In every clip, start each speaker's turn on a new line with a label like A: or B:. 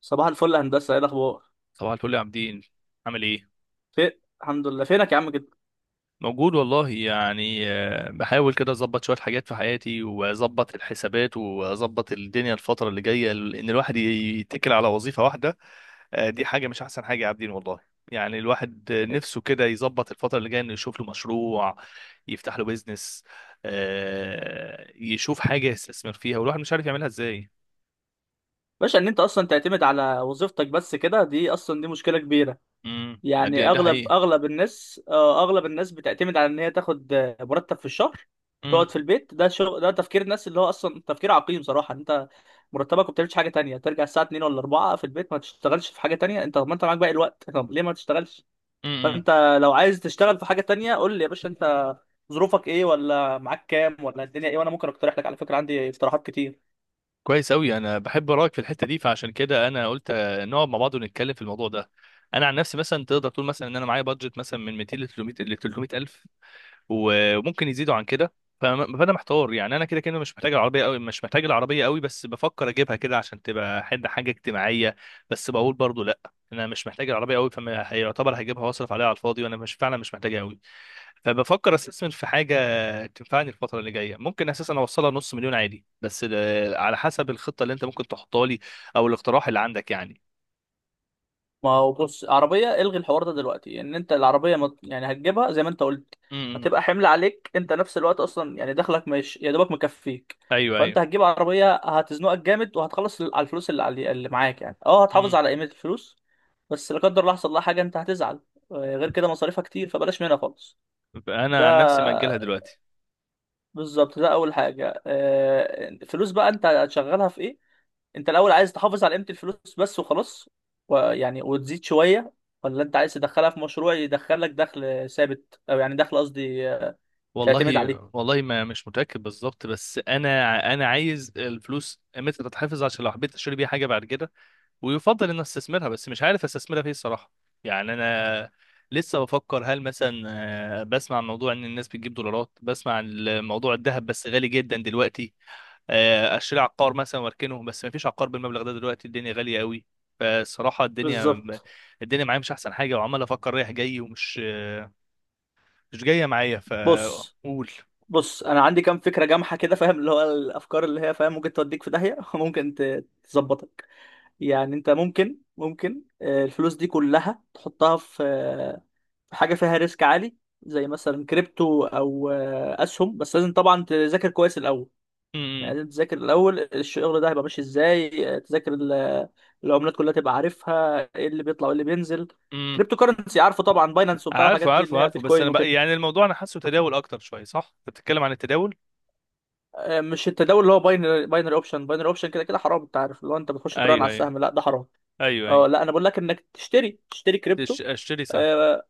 A: صباح الفل يا هندسة، ايه الأخبار؟
B: صباح الفل يا عابدين. عامل ايه؟
A: في، الحمد لله. فينك يا عم كده؟
B: موجود والله، يعني بحاول كده اظبط شويه حاجات في حياتي واظبط الحسابات واظبط الدنيا الفتره اللي جايه ان الواحد يتكل على وظيفه واحده. دي حاجه مش احسن حاجه يا عابدين والله. يعني الواحد نفسه كده يظبط الفتره اللي جايه انه يشوف له مشروع، يفتح له بيزنس. يشوف حاجه يستثمر فيها، والواحد مش عارف يعملها ازاي.
A: باشا، إن أنت أصلا تعتمد على وظيفتك بس كده، دي أصلا دي مشكلة كبيرة.
B: ده
A: يعني
B: ده
A: أغلب
B: حقيقي.
A: أغلب الناس، أغلب الناس بتعتمد على إن هي تاخد مرتب في الشهر،
B: امم.
A: تقعد في البيت. ده شغل؟ ده تفكير الناس، اللي هو أصلا تفكير عقيم صراحة. إن أنت مرتبك وما بتعملش حاجة تانية، ترجع الساعة 2 ولا 4 في البيت، ما تشتغلش في حاجة تانية؟ أنت طب ما أنت معاك باقي الوقت، طب ليه ما تشتغلش؟
B: امم، امم.
A: فانت لو عايز تشتغل في حاجه تانية، قول لي يا باشا، انت ظروفك ايه، ولا معاك كام، ولا الدنيا ايه، وانا ممكن اقترح لك. على فكره عندي اقتراحات كتير.
B: كويس أوي، أنا بحب رأيك في الحتة دي، فعشان كده أنا قلت نقعد مع بعض ونتكلم في الموضوع ده. أنا عن نفسي مثلا تقدر تقول مثلا إن أنا معايا بادجت مثلا من 200 ل 300 ل 300 ألف، وممكن يزيدوا عن كده. فأنا محتار، يعني أنا كده كده مش محتاج العربية أوي، مش محتاج العربية أوي، بس بفكر أجيبها كده عشان تبقى حد حاجة اجتماعية. بس بقول برضو لأ، أنا مش محتاج العربية أوي، فما هيعتبر هجيبها وأصرف عليها على الفاضي وأنا مش فعلا مش محتاجها أوي. فبفكر استثمر في حاجه تنفعني الفتره اللي جايه، ممكن اساسا اوصلها نص مليون عادي، بس على حسب الخطه اللي انت ممكن تحطها لي، او الاقتراح اللي عندك يعني.
A: ما هو بص، عربيه الغي الحوار ده دلوقتي. ان انت العربيه ما يعني هتجيبها زي ما انت قلت،
B: امم.
A: هتبقى حمل عليك، انت نفس الوقت اصلا. يعني دخلك مش يا دوبك مكفيك.
B: ايوه
A: فانت
B: ايوه.
A: هتجيب عربيه هتزنقك جامد، وهتخلص على الفلوس اللي معاك. يعني اه،
B: امم.
A: هتحافظ على قيمه الفلوس بس لا قدر الله حصل لها حاجه، انت هتزعل. غير كده مصاريفها كتير، فبلاش منها خالص. ده
B: انا عن نفسي ماجلها دلوقتي.
A: بالظبط ده اول حاجه. الفلوس بقى انت هتشغلها في ايه؟ انت الاول عايز تحافظ على قيمه الفلوس بس وخلاص، ويعني وتزيد شويه؟ ولا انت عايز تدخلها في مشروع يدخلك دخل ثابت، او يعني دخل قصدي تعتمد
B: والله
A: عليه؟
B: والله ما مش متاكد بالظبط، بس انا عايز الفلوس متى تتحفظ عشان لو حبيت اشتري بيها حاجه بعد كده، ويفضل ان استثمرها، بس مش عارف استثمرها فيه الصراحه. يعني انا لسه بفكر، هل مثلا بسمع عن موضوع ان الناس بتجيب دولارات، بسمع عن موضوع الذهب بس غالي جدا دلوقتي، اشتري عقار مثلا واركنه، بس ما فيش عقار بالمبلغ ده دلوقتي الدنيا غاليه قوي. فالصراحه الدنيا
A: بالظبط.
B: الدنيا معايا مش احسن حاجه، وعمال افكر رايح جاي، ومش مش جايه معايا
A: بص
B: فقول.
A: بص، انا عندي كام فكره جامحه كده، فاهم؟ اللي هو الافكار اللي هي، فاهم، ممكن توديك في داهيه وممكن تظبطك. يعني انت ممكن الفلوس دي كلها تحطها في حاجه فيها ريسك عالي، زي مثلا كريبتو، او اسهم. بس لازم طبعا تذاكر كويس الاول. يعني
B: امم.
A: لازم تذاكر الاول الشغل ده هيبقى ماشي ازاي. تذاكر العملات كلها، تبقى عارفها ايه اللي بيطلع وايه اللي بينزل.
B: امم.
A: كريبتو كرنسي عارفه طبعا، باينانس وبتاع
B: عارفه
A: الحاجات دي،
B: عارفه
A: اللي هي
B: عارفه، بس
A: بيتكوين
B: انا بقى
A: وكده.
B: يعني الموضوع انا حاسه تداول اكتر شويه، صح؟ بتتكلم عن التداول؟
A: مش التداول اللي هو باينري اوبشن، باينري اوبشن، كده كده حرام. انت عارف، اللي هو انت بتخش تراهن على
B: ايوه ايوه.
A: السهم، لا ده حرام.
B: ايوه ايوه.
A: اه لا، انا بقول لك انك تشتري كريبتو.
B: اشتري سهم.
A: آه.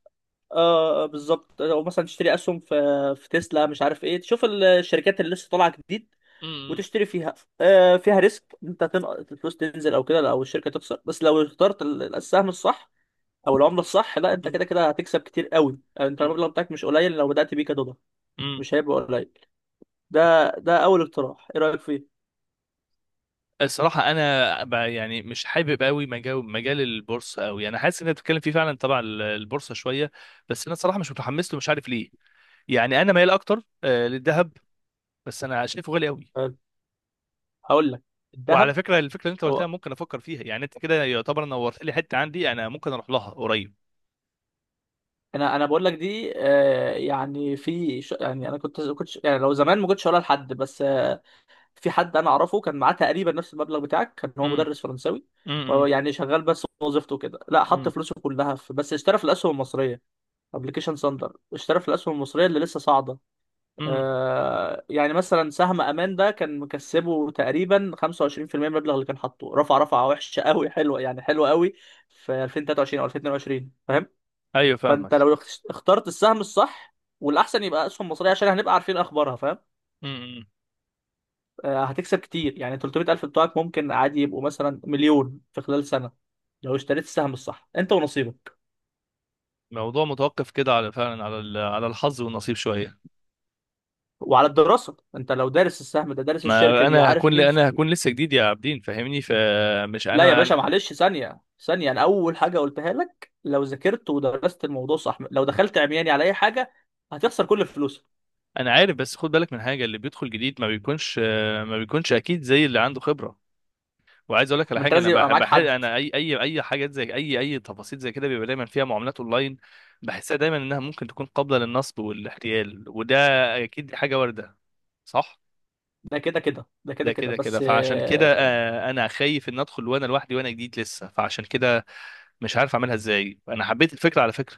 A: اه آه، بالظبط، او مثلا تشتري اسهم في تسلا، مش عارف ايه. تشوف الشركات اللي لسه طالعه جديد
B: امم.
A: وتشتري فيها. آه، فيها ريسك، انت تنقص الفلوس تنزل او كده، او الشركه تخسر. بس لو اخترت السهم الصح او العمله الصح، لا انت كده كده هتكسب كتير قوي. يعني انت المبلغ بتاعك مش قليل، لو بدات بيه كدولار
B: امم.
A: مش هيبقى قليل. ده اول اقتراح، ايه رايك فيه؟
B: الصراحة أنا يعني مش حابب قوي مجال البورصة قوي، أنا حاسس إن أنت بتتكلم فيه فعلا تبع البورصة شوية، بس أنا الصراحة مش متحمس له، مش عارف ليه. يعني أنا مايل أكتر للذهب، بس أنا شايفه غالي قوي.
A: حلو. هقول لك.
B: وعلى
A: الذهب،
B: فكرة، الفكرة اللي أنت قلتها
A: هو
B: ممكن أفكر فيها، يعني أنت كده يعتبر نورت لي حتة عندي أنا ممكن أروح لها قريب.
A: انا بقول لك دي آه، يعني في ش- يعني انا كنت يعني لو زمان ما كنتش هقولها لحد، بس في حد انا اعرفه كان معاه تقريبا نفس المبلغ بتاعك، كان هو
B: امم.
A: مدرس فرنساوي. وهو يعني شغال بس وظيفته كده، لا حط فلوسه كلها في، بس اشترى في الاسهم المصريه. ابلكيشن ساندر، اشترى في الاسهم المصريه اللي لسه صاعده. آه يعني مثلا سهم امان ده كان مكسبه تقريبا 25% من المبلغ اللي كان حاطه، رفع رفعه وحشه قوي حلوه، يعني حلوه قوي، في 2023 او 2022، فاهم؟
B: أيوه فاهمك.
A: فانت لو اخترت السهم الصح، والاحسن يبقى اسهم مصريه عشان هنبقى عارفين اخبارها، فاهم،
B: امم.
A: هتكسب كتير. يعني 300000 بتوعك ممكن عادي يبقوا مثلا مليون في خلال سنة، لو اشتريت السهم الصح، انت ونصيبك.
B: الموضوع متوقف كده على فعلا على على الحظ والنصيب شوية.
A: وعلى الدراسة، انت لو دارس السهم ده دارس الشركة
B: ما
A: دي،
B: انا
A: عارف
B: هكون
A: مين.
B: انا هكون لسه جديد يا عابدين فاهمني، فمش
A: لا يا
B: انا
A: باشا
B: انا
A: معلش، ثانية ثانية، انا اول حاجة قلتها لك لو ذاكرت ودرست الموضوع صح. لو دخلت عمياني على اي حاجة هتخسر كل فلوسك.
B: انا عارف، بس خد بالك من حاجه، اللي بيدخل جديد ما بيكونش، ما بيكونش اكيد زي اللي عنده خبره. وعايز اقول لك على
A: ما انت
B: حاجه، انا
A: لازم يبقى
B: بحب
A: معاك
B: بحب
A: حد.
B: انا اي حاجات زي اي تفاصيل زي كده بيبقى دايما فيها معاملات اونلاين، بحسها دايما انها ممكن تكون قابله للنصب والاحتيال، وده اكيد دي حاجه وارده صح.
A: ده كده كده، ده كده
B: ده
A: كده
B: كده كده،
A: بس.
B: فعشان كده انا خايف ان ادخل وانا لوحدي وانا جديد لسه، فعشان كده مش عارف اعملها ازاي. انا حبيت الفكره على فكره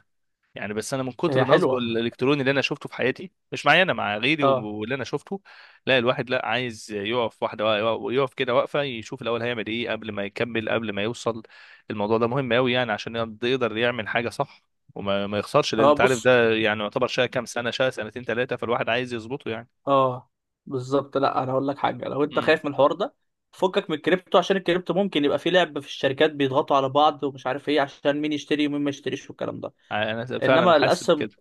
B: يعني، بس انا من كتر
A: هي
B: نصبه
A: حلوة.
B: الالكتروني اللي انا شفته في حياتي، مش معايا انا، مع غيري،
A: اه
B: واللي انا شفته. لا الواحد لا عايز يقف واحده، يقف كده واقفه يشوف الاول هيعمل ايه قبل ما يكمل قبل ما يوصل، الموضوع ده مهم قوي يعني عشان يقدر يعمل حاجه صح، وما ما يخسرش، لان
A: اه،
B: انت عارف
A: بص.
B: ده يعني يعتبر شقه كام سنه، شقه سنتين ثلاثه، فالواحد عايز يظبطه يعني.
A: اه بالظبط. لا انا هقول لك حاجه، لو انت
B: امم.
A: خايف من الحوار ده، فكك من الكريبتو. عشان الكريبتو ممكن يبقى فيه لعب في الشركات، بيضغطوا على بعض ومش عارف ايه، عشان مين يشتري ومين ما يشتريش والكلام ده.
B: انا فعلا
A: انما
B: حاسس
A: الاسهم،
B: بكده.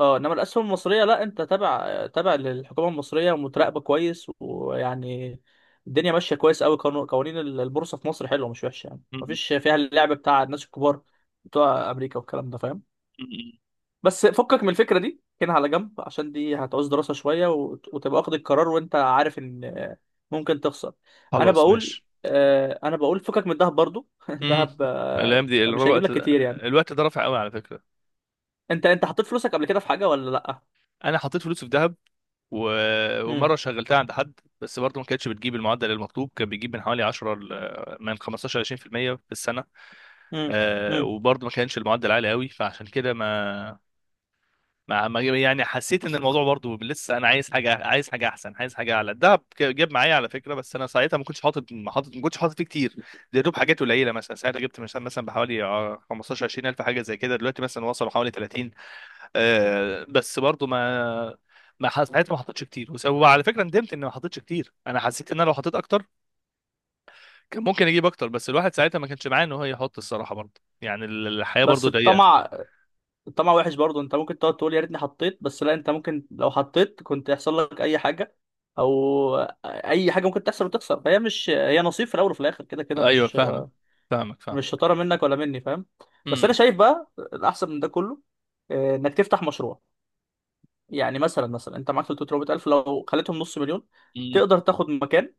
A: اه انما الاسهم المصريه، لا انت تابع تابع للحكومه المصريه ومتراقبه كويس، ويعني الدنيا ماشيه كويس قوي. قوانين البورصه في مصر حلوه مش وحشه، يعني
B: مم.
A: مفيش فيها اللعب بتاع الناس الكبار بتوع امريكا والكلام ده، فاهم؟
B: مم.
A: بس فكك من الفكره دي كده على جنب، عشان دي هتعوز دراسه شويه، وتبقى واخد القرار وانت عارف ان ممكن تخسر. انا
B: خلاص
A: بقول
B: ماشي.
A: انا بقول فكك من الذهب برضو
B: امم.
A: الذهب
B: الايام دي
A: مش هيجيب
B: الوقت
A: لك كتير، يعني.
B: الوقت ده رافع قوي على فكره.
A: انت حطيت فلوسك قبل كده في حاجه ولا لا؟
B: انا حطيت فلوسي في ذهب، و...
A: امم.
B: ومره شغلتها عند حد، بس برضه ما كانتش بتجيب المعدل المطلوب، كان بيجيب من حوالي 10 من 15 ل 20% في المية في السنه.
A: امم. امم.
B: وبرضه ما كانش المعدل عالي قوي، فعشان كده ما يعني حسيت ان الموضوع برضه لسه انا عايز حاجه، عايز حاجه احسن، عايز حاجه اعلى. الدهب جاب معايا على فكره، بس انا ساعتها ما كنتش حاطط فيه كتير. ده يا دوب حاجات قليله مثلا، ساعتها جبت مثلا بحوالي 15 20 الف حاجه زي كده، دلوقتي مثلا وصلوا حوالي 30. آه بس برضو ما ساعتها ما حطيتش كتير، وعلى فكره ندمت اني ما حطيتش كتير، انا حسيت ان انا لو حطيت اكتر كان ممكن اجيب اكتر، بس الواحد ساعتها ما كانش معاه ان هو يحط الصراحه، برضو يعني الحياه برضو
A: بس
B: ضيقه.
A: الطمع، الطمع وحش برضو. انت ممكن تقعد تقول يا ريتني حطيت، بس لا، انت ممكن لو حطيت كنت يحصل لك اي حاجه، او اي حاجه ممكن تحصل وتخسر. فهي مش، هي نصيب في الاول وفي الاخر، كده كده
B: ايوه
A: مش
B: فاهمك فاهمك
A: مش
B: فاهمك.
A: شطاره منك ولا مني، فاهم؟ بس انا
B: امم.
A: شايف بقى الاحسن من ده كله انك تفتح مشروع. يعني مثلا انت معاك 300000، لو خليتهم نص مليون
B: امم.
A: تقدر تاخد مكان.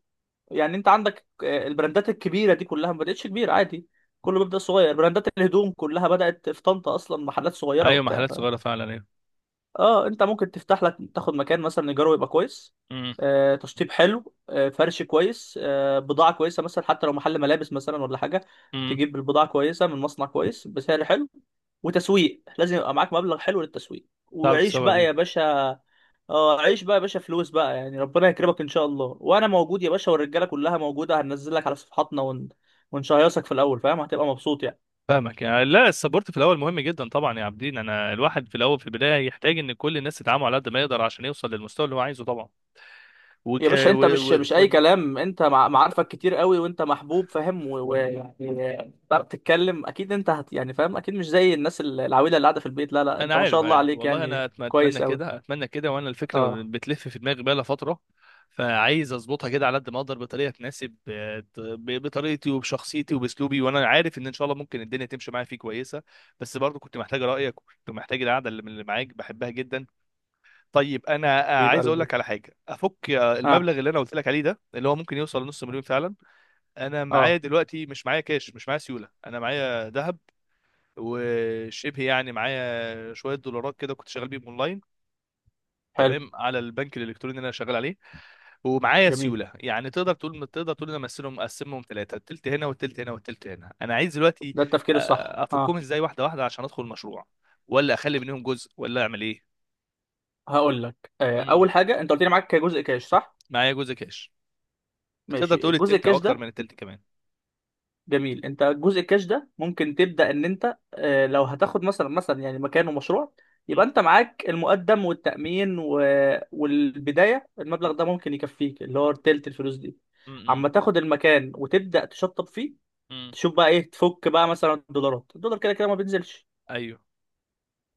A: يعني انت عندك البراندات الكبيره دي كلها ما بداتش كبيره، عادي. كله بيبدا صغير. براندات الهدوم كلها بدات في طنطا اصلا، محلات صغيره
B: ايوه،
A: وبتاع.
B: محلات صغيره فعلا، ايوه.
A: اه، انت ممكن تفتح لك، تاخد مكان مثلا ايجاره يبقى كويس،
B: امم.
A: تشطيب حلو، فرش كويس، بضاعه كويسه، مثلا حتى لو محل ملابس مثلا ولا حاجه.
B: امم.
A: تجيب البضاعه كويسه من مصنع كويس بسعر حلو، وتسويق لازم يبقى معاك مبلغ حلو للتسويق،
B: تعرف
A: وعيش
B: السبب
A: بقى يا
B: ايه؟
A: باشا. اه، عيش بقى يا باشا، فلوس بقى، يعني ربنا يكرمك ان شاء الله، وانا موجود يا باشا، والرجاله كلها موجوده، هننزل لك على صفحاتنا ون... ونشيصك في الاول، فاهم، هتبقى مبسوط، يعني.
B: فاهمك يعني، لا السبورت في الاول مهم جدا طبعا يا عابدين، انا الواحد في الاول في البدايه يحتاج ان كل الناس تدعمه على قد ما يقدر عشان يوصل للمستوى اللي هو عايزه طبعا. وك...
A: يا باشا، انت
B: و...
A: مش
B: و...
A: مش اي كلام، انت معارفك كتير قوي، وانت محبوب، فاهم؟ ويعني بتعرف تتكلم اكيد، انت هت يعني فاهم اكيد، مش زي الناس العويله اللي قاعده في البيت، لا لا،
B: انا
A: انت ما
B: عارف
A: شاء الله
B: عارف
A: عليك،
B: والله،
A: يعني
B: انا اتمنى
A: كويس قوي.
B: كده اتمنى كده، وانا الفكره
A: اه.
B: بتلف في دماغي بقالها فتره، فعايز اظبطها كده على قد ما اقدر بطريقه تناسب بطريقتي وبشخصيتي وباسلوبي، وانا عارف ان شاء الله ممكن الدنيا تمشي معايا فيه كويسه. بس برضو كنت محتاج رايك، وكنت محتاج القعده اللي من اللي معاك بحبها جدا. طيب انا
A: حبيب
B: عايز اقول
A: قلبي.
B: لك على حاجه، افك
A: اه
B: المبلغ اللي انا قلت لك عليه ده اللي هو ممكن يوصل لنص مليون فعلا، انا معايا
A: اه.
B: دلوقتي مش معايا كاش، مش معايا سيوله، انا معايا ذهب، وشبه يعني معايا شويه دولارات كده كنت شغال بيهم اونلاين،
A: حلو.
B: تمام على البنك الالكتروني اللي انا شغال عليه. ومعايا
A: جميل،
B: سيوله، يعني تقدر تقول انا مقسمهم ثلاثه، التلت هنا والتلت هنا والتلت هنا. انا عايز دلوقتي
A: ده التفكير الصح.
B: افكهم
A: اه،
B: ازاي واحده واحده عشان ادخل المشروع، ولا اخلي منهم جزء، ولا اعمل ايه؟
A: هقول لك، آه
B: مم.
A: اول حاجه، انت قلت لي معاك جزء كاش صح؟
B: معايا جزء كاش. تقدر
A: ماشي،
B: تقول
A: الجزء
B: التلت او
A: الكاش
B: اكتر
A: ده،
B: من التلت كمان.
A: جميل. انت جزء الكاش ده ممكن تبدا ان انت لو هتاخد مثلا يعني مكانه مشروع،
B: مم.
A: يبقى انت معاك المقدم والتامين، و... والبدايه،
B: مم.
A: المبلغ ده ممكن يكفيك، اللي هو تلت الفلوس دي.
B: مم.
A: اما تاخد المكان وتبدا تشطب فيه،
B: مم.
A: تشوف بقى ايه تفك، بقى مثلا الدولارات، الدولار كده كده ما بينزلش.
B: ايوه.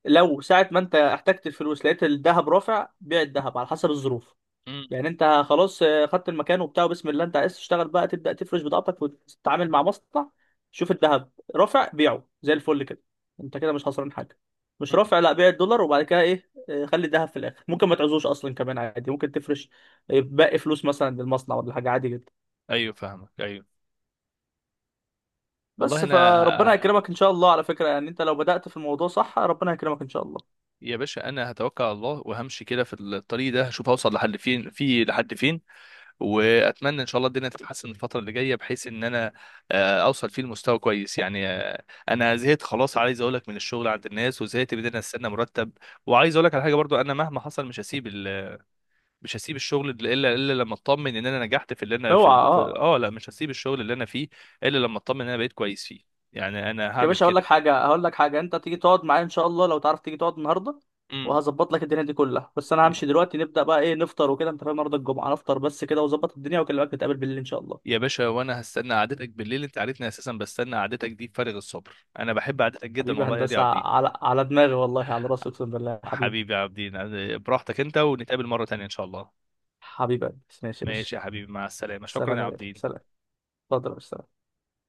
A: لو ساعه ما انت احتجت الفلوس، لقيت الذهب رافع، بيع الذهب على حسب الظروف.
B: مم.
A: يعني انت خلاص، خدت المكان وبتاع، وبسم الله انت عايز تشتغل بقى، تبدا تفرش بضاعتك وتتعامل مع مصنع. شوف الذهب رافع بيعه زي الفل كده، انت كده مش خسران حاجه. مش
B: مم.
A: رافع، لا، بيع الدولار وبعد كده، ايه، خلي الذهب في الاخر، ممكن ما تعزوش اصلا كمان عادي. ممكن تفرش باقي فلوس مثلا للمصنع ولا حاجه، عادي جدا.
B: ايوه فاهمك، ايوه. والله
A: بس
B: انا،
A: فربنا يكرمك ان شاء الله. على فكره، يعني انت لو بدات في الموضوع صح ربنا يكرمك ان شاء الله.
B: يا باشا انا هتوكل على الله وهمشي كده في الطريق ده، هشوف هوصل لحد فين، في لحد فين، واتمنى ان شاء الله الدنيا تتحسن الفتره اللي جايه بحيث ان انا اوصل فيه لمستوى كويس. يعني انا زهقت خلاص عايز اقول لك من الشغل عند الناس، وزهقت من ان انا استنى مرتب. وعايز اقول لك على حاجه برضو، انا مهما حصل مش هسيب ال... مش هسيب الشغل الا لما اطمن ان انا نجحت في اللي انا في,
A: اوعى.
B: في...
A: اه.
B: اه لا، مش هسيب الشغل اللي انا فيه الا لما اطمن ان انا بقيت كويس فيه، يعني انا
A: يا
B: هعمل
A: باشا هقول لك
B: كده.
A: حاجه هقول لك حاجه انت تيجي تقعد معايا ان شاء الله، لو تعرف تيجي تقعد النهارده،
B: امم.
A: وهظبط لك الدنيا دي كلها. بس انا همشي دلوقتي، نبدا بقى ايه، نفطر وكده، انت فاهم، النهارده الجمعه، نفطر بس كده وظبط الدنيا، واكلمك نتقابل بالليل ان شاء الله.
B: يا باشا وانا هستنى قعدتك بالليل، انت عارفني اساسا بستنى قعدتك دي بفارغ الصبر، انا بحب قعدتك جدا
A: حبيبي يا
B: والله يا دي
A: هندسه،
B: عبدين.
A: على دماغي والله، على راسي اقسم بالله، حبيبي.
B: حبيبي يا عبدين. براحتك انت، ونتقابل مرة تانية ان شاء الله.
A: حبيبي يا هندسة. ماشي يا باشا.
B: ماشي يا حبيبي مع السلامة، شكرا
A: سلام
B: يا
A: يا غالي،
B: عبدين.
A: سلام. اتفضل يا باشا.